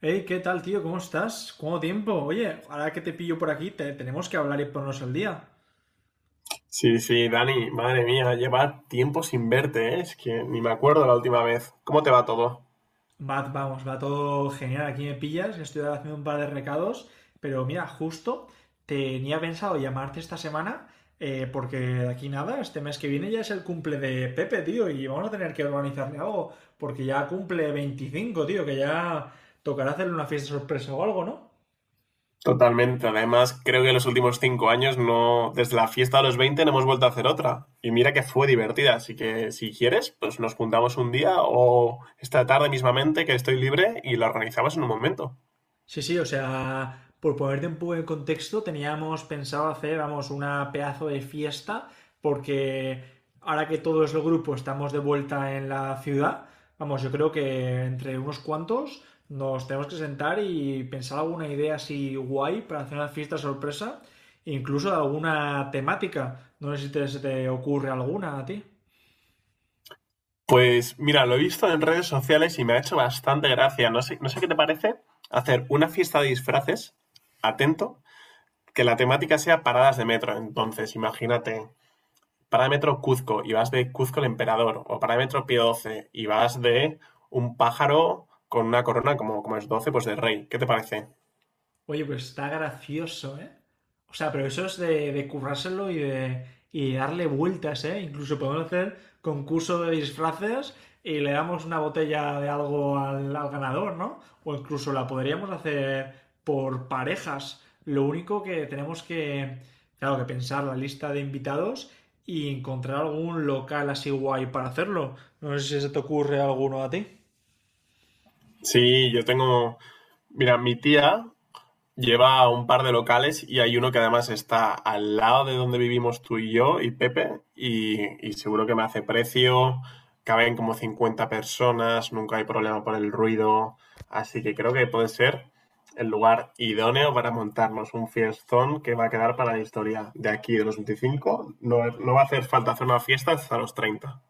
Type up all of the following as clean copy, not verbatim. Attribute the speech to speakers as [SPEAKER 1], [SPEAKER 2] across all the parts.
[SPEAKER 1] Hey, ¿qué tal, tío? ¿Cómo estás? ¿Cuánto tiempo? Oye, ahora que te pillo por aquí, tenemos que hablar y ponernos al día.
[SPEAKER 2] Sí, sí, Dani, madre mía, lleva tiempo sin verte, ¿eh? Es que ni me acuerdo la última vez. ¿Cómo te va todo?
[SPEAKER 1] Va, vamos, va todo genial. Aquí me pillas, estoy ahora haciendo un par de recados, pero mira, justo tenía pensado llamarte esta semana, porque de aquí nada, este mes que viene ya es el cumple de Pepe, tío, y vamos a tener que organizarle algo, porque ya cumple 25, tío, que ya tocará hacerle una fiesta sorpresa o algo, ¿no?
[SPEAKER 2] Totalmente, además creo que en los últimos 5 años no, desde la fiesta de los 20, no hemos vuelto a hacer otra. Y mira que fue divertida, así que si quieres, pues nos juntamos un día o esta tarde mismamente que estoy libre y la organizamos en un momento.
[SPEAKER 1] Sí, sí, o sea, por ponerte un poco en contexto, teníamos pensado hacer, vamos, una pedazo de fiesta, porque ahora que todo es los grupo estamos de vuelta en la ciudad, vamos, yo creo que entre unos cuantos nos tenemos que sentar y pensar alguna idea así guay para hacer una fiesta sorpresa, incluso de alguna temática. No sé si se te ocurre alguna a ti.
[SPEAKER 2] Pues mira, lo he visto en redes sociales y me ha hecho bastante gracia. No sé, no sé qué te parece hacer una fiesta de disfraces, atento, que la temática sea paradas de metro. Entonces, imagínate, parada de metro Cuzco y vas de Cuzco el Emperador, o parada de metro Pío XII y vas de un pájaro con una corona como es 12 pues de rey. ¿Qué te parece?
[SPEAKER 1] Oye, pues está gracioso, ¿eh? O sea, pero eso es de currárselo y de darle vueltas, ¿eh? Incluso podemos hacer concurso de disfraces y le damos una botella de algo al ganador, ¿no? O incluso la podríamos hacer por parejas. Lo único que tenemos que, claro, que pensar la lista de invitados y encontrar algún local así guay para hacerlo. No sé si se te ocurre alguno a ti.
[SPEAKER 2] Sí, yo tengo. Mira, mi tía lleva un par de locales y hay uno que además está al lado de donde vivimos tú y yo y Pepe y seguro que me hace precio, caben como 50 personas, nunca hay problema por el ruido, así que creo que puede ser el lugar idóneo para montarnos un fiestón que va a quedar para la historia de aquí de los 25. No, no va a hacer falta hacer una fiesta hasta los 30.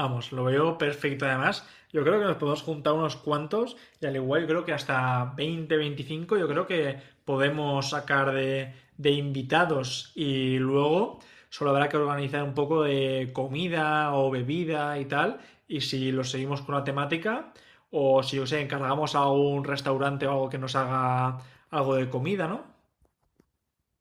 [SPEAKER 1] Vamos, lo veo perfecto además. Yo creo que nos podemos juntar unos cuantos y al igual yo creo que hasta 20, 25. Yo creo que podemos sacar de invitados y luego solo habrá que organizar un poco de comida o bebida y tal y si lo seguimos con una temática o si, o sea, encargamos a un restaurante o algo que nos haga algo de comida, ¿no?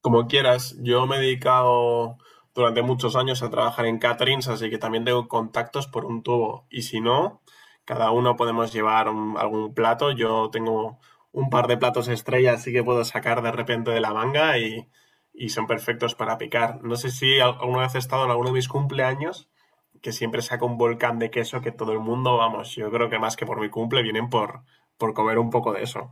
[SPEAKER 2] Como quieras, yo me he dedicado durante muchos años a trabajar en caterings, así que también tengo contactos por un tubo. Y si no, cada uno podemos llevar algún plato. Yo tengo un par de platos estrella, así que puedo sacar de repente de la manga y son perfectos para picar. No sé si alguna vez he estado en alguno de mis cumpleaños, que siempre saco un volcán de queso que todo el mundo, vamos, yo creo que más que por mi cumple, vienen por comer un poco de eso.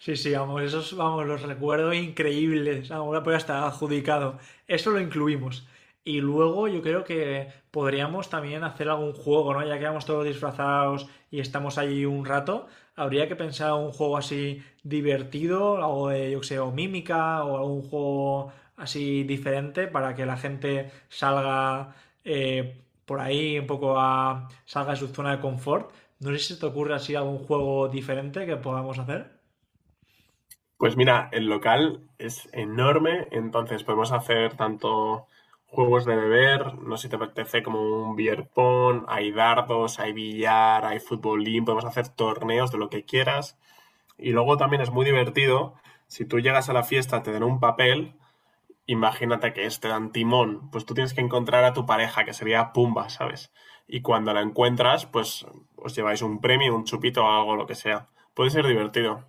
[SPEAKER 1] Sí, sí, vamos, esos, vamos, los recuerdo increíbles. Ahora pues hasta adjudicado. Eso lo incluimos. Y luego yo creo que podríamos también hacer algún juego, ¿no? Ya que vamos todos disfrazados y estamos allí un rato, habría que pensar un juego así divertido, algo de, yo qué sé, o mímica, o algún juego así diferente para que la gente salga eh, por ahí un poco salga de su zona de confort. No sé si se te ocurre así algún juego diferente que podamos hacer.
[SPEAKER 2] Pues mira, el local es enorme, entonces podemos hacer tanto juegos de beber, no sé si te apetece, como un beer pong, hay dardos, hay billar, hay futbolín, podemos hacer torneos de lo que quieras. Y luego también es muy divertido, si tú llegas a la fiesta, te dan un papel, imagínate que este dan timón, pues tú tienes que encontrar a tu pareja, que sería Pumba, ¿sabes? Y cuando la encuentras, pues os lleváis un premio, un chupito o algo, lo que sea. Puede ser divertido.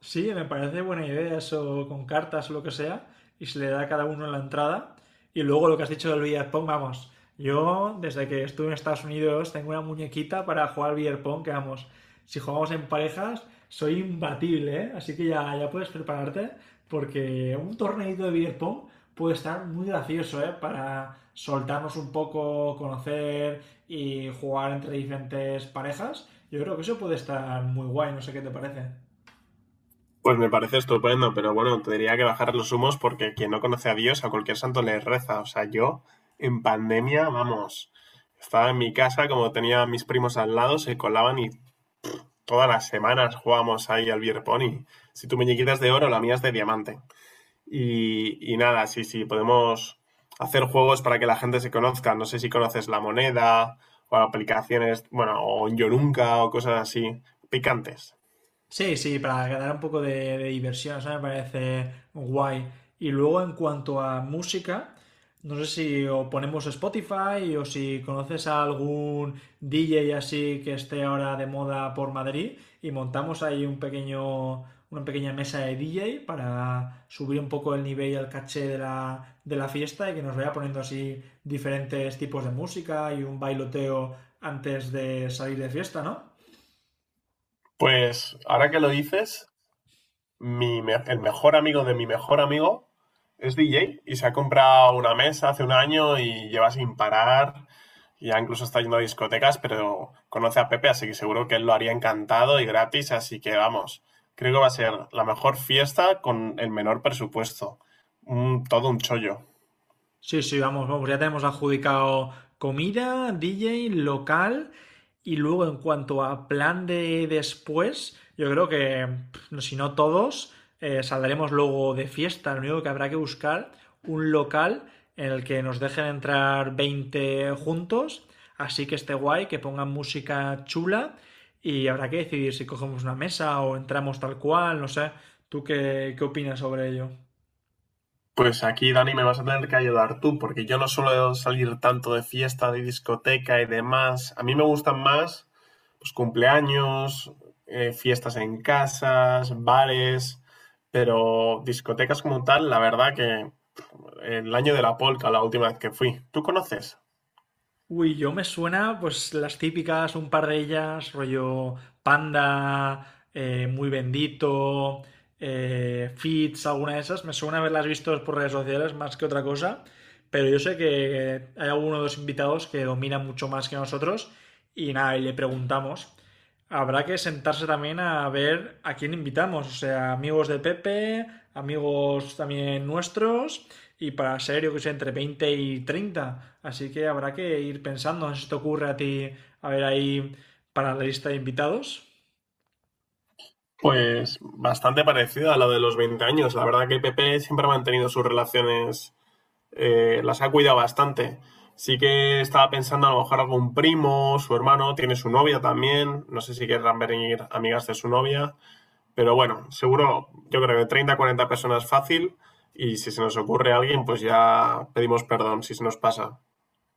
[SPEAKER 1] Sí, me parece buena idea eso con cartas o lo que sea, y se le da a cada uno en la entrada. Y luego lo que has dicho del billar pong, vamos. Yo, desde que estuve en Estados Unidos, tengo una muñequita para jugar al beer pong, que vamos, si jugamos en parejas, soy imbatible, ¿eh? Así que ya, ya puedes prepararte, porque un torneito de billar pong puede estar muy gracioso, ¿eh? Para soltarnos un poco, conocer y jugar entre diferentes parejas. Yo creo que eso puede estar muy guay, no sé qué te parece.
[SPEAKER 2] Pues me parece estupendo, pero bueno, tendría que bajar los humos porque quien no conoce a Dios, a cualquier santo le reza. O sea, yo en pandemia, vamos, estaba en mi casa, como tenía a mis primos al lado, se colaban y todas las semanas jugábamos ahí al beer pong. Y si tu muñequita es de oro, la mía es de diamante. Y nada, sí, sí, podemos hacer juegos para que la gente se conozca. No sé si conoces la moneda o aplicaciones, bueno, o Yo Nunca o cosas así, picantes.
[SPEAKER 1] Sí, sí, para ganar un poco de diversión, eso me parece guay. Y luego en cuanto a música, no sé si o ponemos Spotify o si conoces a algún DJ así que esté ahora de moda por Madrid y montamos ahí un pequeño, una pequeña mesa de DJ para subir un poco el nivel y el caché de la fiesta y que nos vaya poniendo así diferentes tipos de música y un bailoteo antes de salir de fiesta, ¿no?
[SPEAKER 2] Pues ahora que lo dices, el mejor amigo de mi mejor amigo es DJ y se ha comprado una mesa hace un año y lleva sin parar. Ya incluso está yendo a discotecas, pero conoce a Pepe, así que seguro que él lo haría encantado y gratis. Así que vamos, creo que va a ser la mejor fiesta con el menor presupuesto. Todo un chollo.
[SPEAKER 1] Sí, sí, vamos, vamos, ya tenemos adjudicado comida, DJ, local y luego en cuanto a plan de después, yo creo que pff, si no todos, saldremos luego de fiesta, lo único que habrá que buscar un local en el que nos dejen entrar 20 juntos, así que esté guay, que pongan música chula y habrá que decidir si cogemos una mesa o entramos tal cual, no sé, ¿tú qué, qué opinas sobre ello?
[SPEAKER 2] Pues aquí, Dani, me vas a tener que ayudar tú, porque yo no suelo salir tanto de fiesta, de discoteca y demás. A mí me gustan más pues, cumpleaños, fiestas en casas, bares, pero discotecas como tal, la verdad que el año de la polca, la última vez que fui. ¿Tú conoces?
[SPEAKER 1] Uy, yo me suena, pues las típicas, un par de ellas, rollo Panda, Muy Bendito, Fits, alguna de esas. Me suena haberlas visto por redes sociales más que otra cosa, pero yo sé que hay alguno de los invitados que domina mucho más que nosotros y nada, y le preguntamos. Habrá que sentarse también a ver a quién invitamos, o sea, amigos de Pepe, amigos también nuestros y para ser, yo que sé, entre 20 y 30. Así que habrá que ir pensando, no sé si te ocurre a ti, a ver ahí para la lista de invitados.
[SPEAKER 2] Pues bastante parecida a la de los 20 años. La verdad que Pepe siempre ha mantenido sus relaciones, las ha cuidado bastante. Sí que estaba pensando a lo mejor algún primo, su hermano, tiene su novia también. No sé si querrán venir amigas de su novia. Pero bueno, seguro, yo creo que 30, 40 personas fácil. Y si se nos ocurre a alguien, pues ya pedimos perdón si se nos pasa.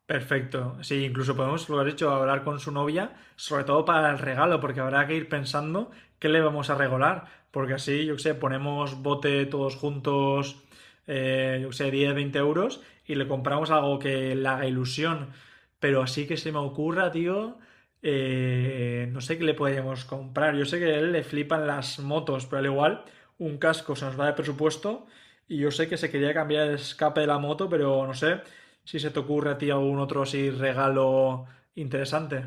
[SPEAKER 1] Perfecto. Sí, incluso podemos, lo has dicho, hablar con su novia, sobre todo para el regalo, porque habrá que ir pensando qué le vamos a regalar, porque así, yo qué sé, ponemos bote todos juntos, yo qué sé, 10, 20 euros y le compramos algo que le haga ilusión. Pero así que se me ocurra, tío, no sé qué le podríamos comprar. Yo sé que a él le flipan las motos, pero al igual un casco se nos va de presupuesto y yo sé que se quería cambiar el escape de la moto, pero no sé, si se te ocurre a ti algún otro así regalo interesante.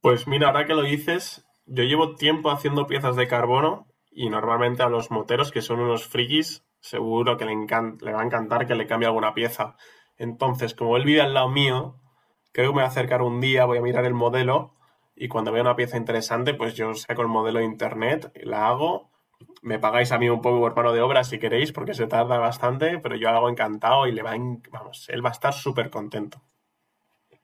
[SPEAKER 2] Pues mira, ahora que lo dices, yo llevo tiempo haciendo piezas de carbono y normalmente a los moteros, que son unos frikis, seguro que le va a encantar que le cambie alguna pieza. Entonces, como él vive al lado mío, creo que me voy a acercar un día, voy a mirar el modelo y cuando vea una pieza interesante, pues yo saco el modelo de internet, la hago. Me pagáis a mí un poco por mano de obra si queréis, porque se tarda bastante, pero yo lo hago encantado y le va a en- vamos, él va a estar súper contento.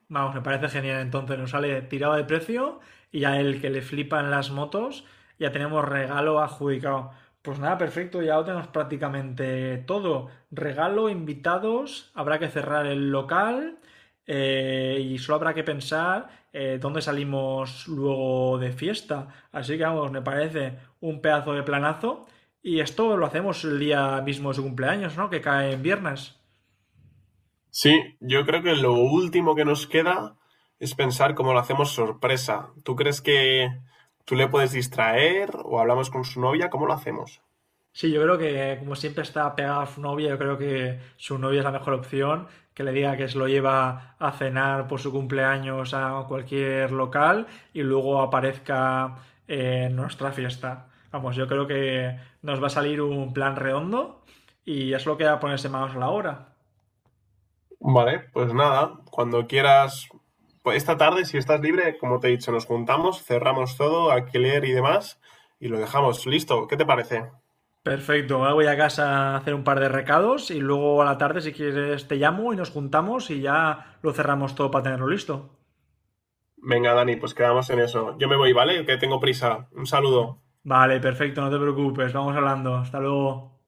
[SPEAKER 1] Vamos, me parece genial. Entonces nos sale tirado de precio y a el que le flipan las motos, ya tenemos regalo adjudicado. Pues nada, perfecto, ya lo tenemos prácticamente todo. Regalo, invitados, habrá que cerrar el local y solo habrá que pensar dónde salimos luego de fiesta. Así que vamos, me parece un pedazo de planazo. Y esto lo hacemos el día mismo de su cumpleaños, ¿no? Que cae en viernes.
[SPEAKER 2] Sí, yo creo que lo último que nos queda es pensar cómo lo hacemos sorpresa. ¿Tú crees que tú le puedes distraer o hablamos con su novia? ¿Cómo lo hacemos?
[SPEAKER 1] Sí, yo creo que como siempre está pegada a su novia, yo creo que su novia es la mejor opción, que le diga que se lo lleva a cenar por su cumpleaños a cualquier local y luego aparezca en nuestra fiesta. Vamos, yo creo que nos va a salir un plan redondo y ya solo queda ponerse manos a la obra.
[SPEAKER 2] Vale, pues nada, cuando quieras, pues esta tarde, si estás libre, como te he dicho, nos juntamos, cerramos todo, alquiler y demás, y lo dejamos listo. ¿Qué te parece?
[SPEAKER 1] Perfecto, ahora voy a casa a hacer un par de recados y luego a la tarde si quieres te llamo y nos juntamos y ya lo cerramos todo para tenerlo listo.
[SPEAKER 2] Venga, Dani, pues quedamos en eso. Yo me voy, ¿vale? Que tengo prisa. Un saludo.
[SPEAKER 1] Vale, perfecto, no te preocupes, vamos hablando. Hasta luego.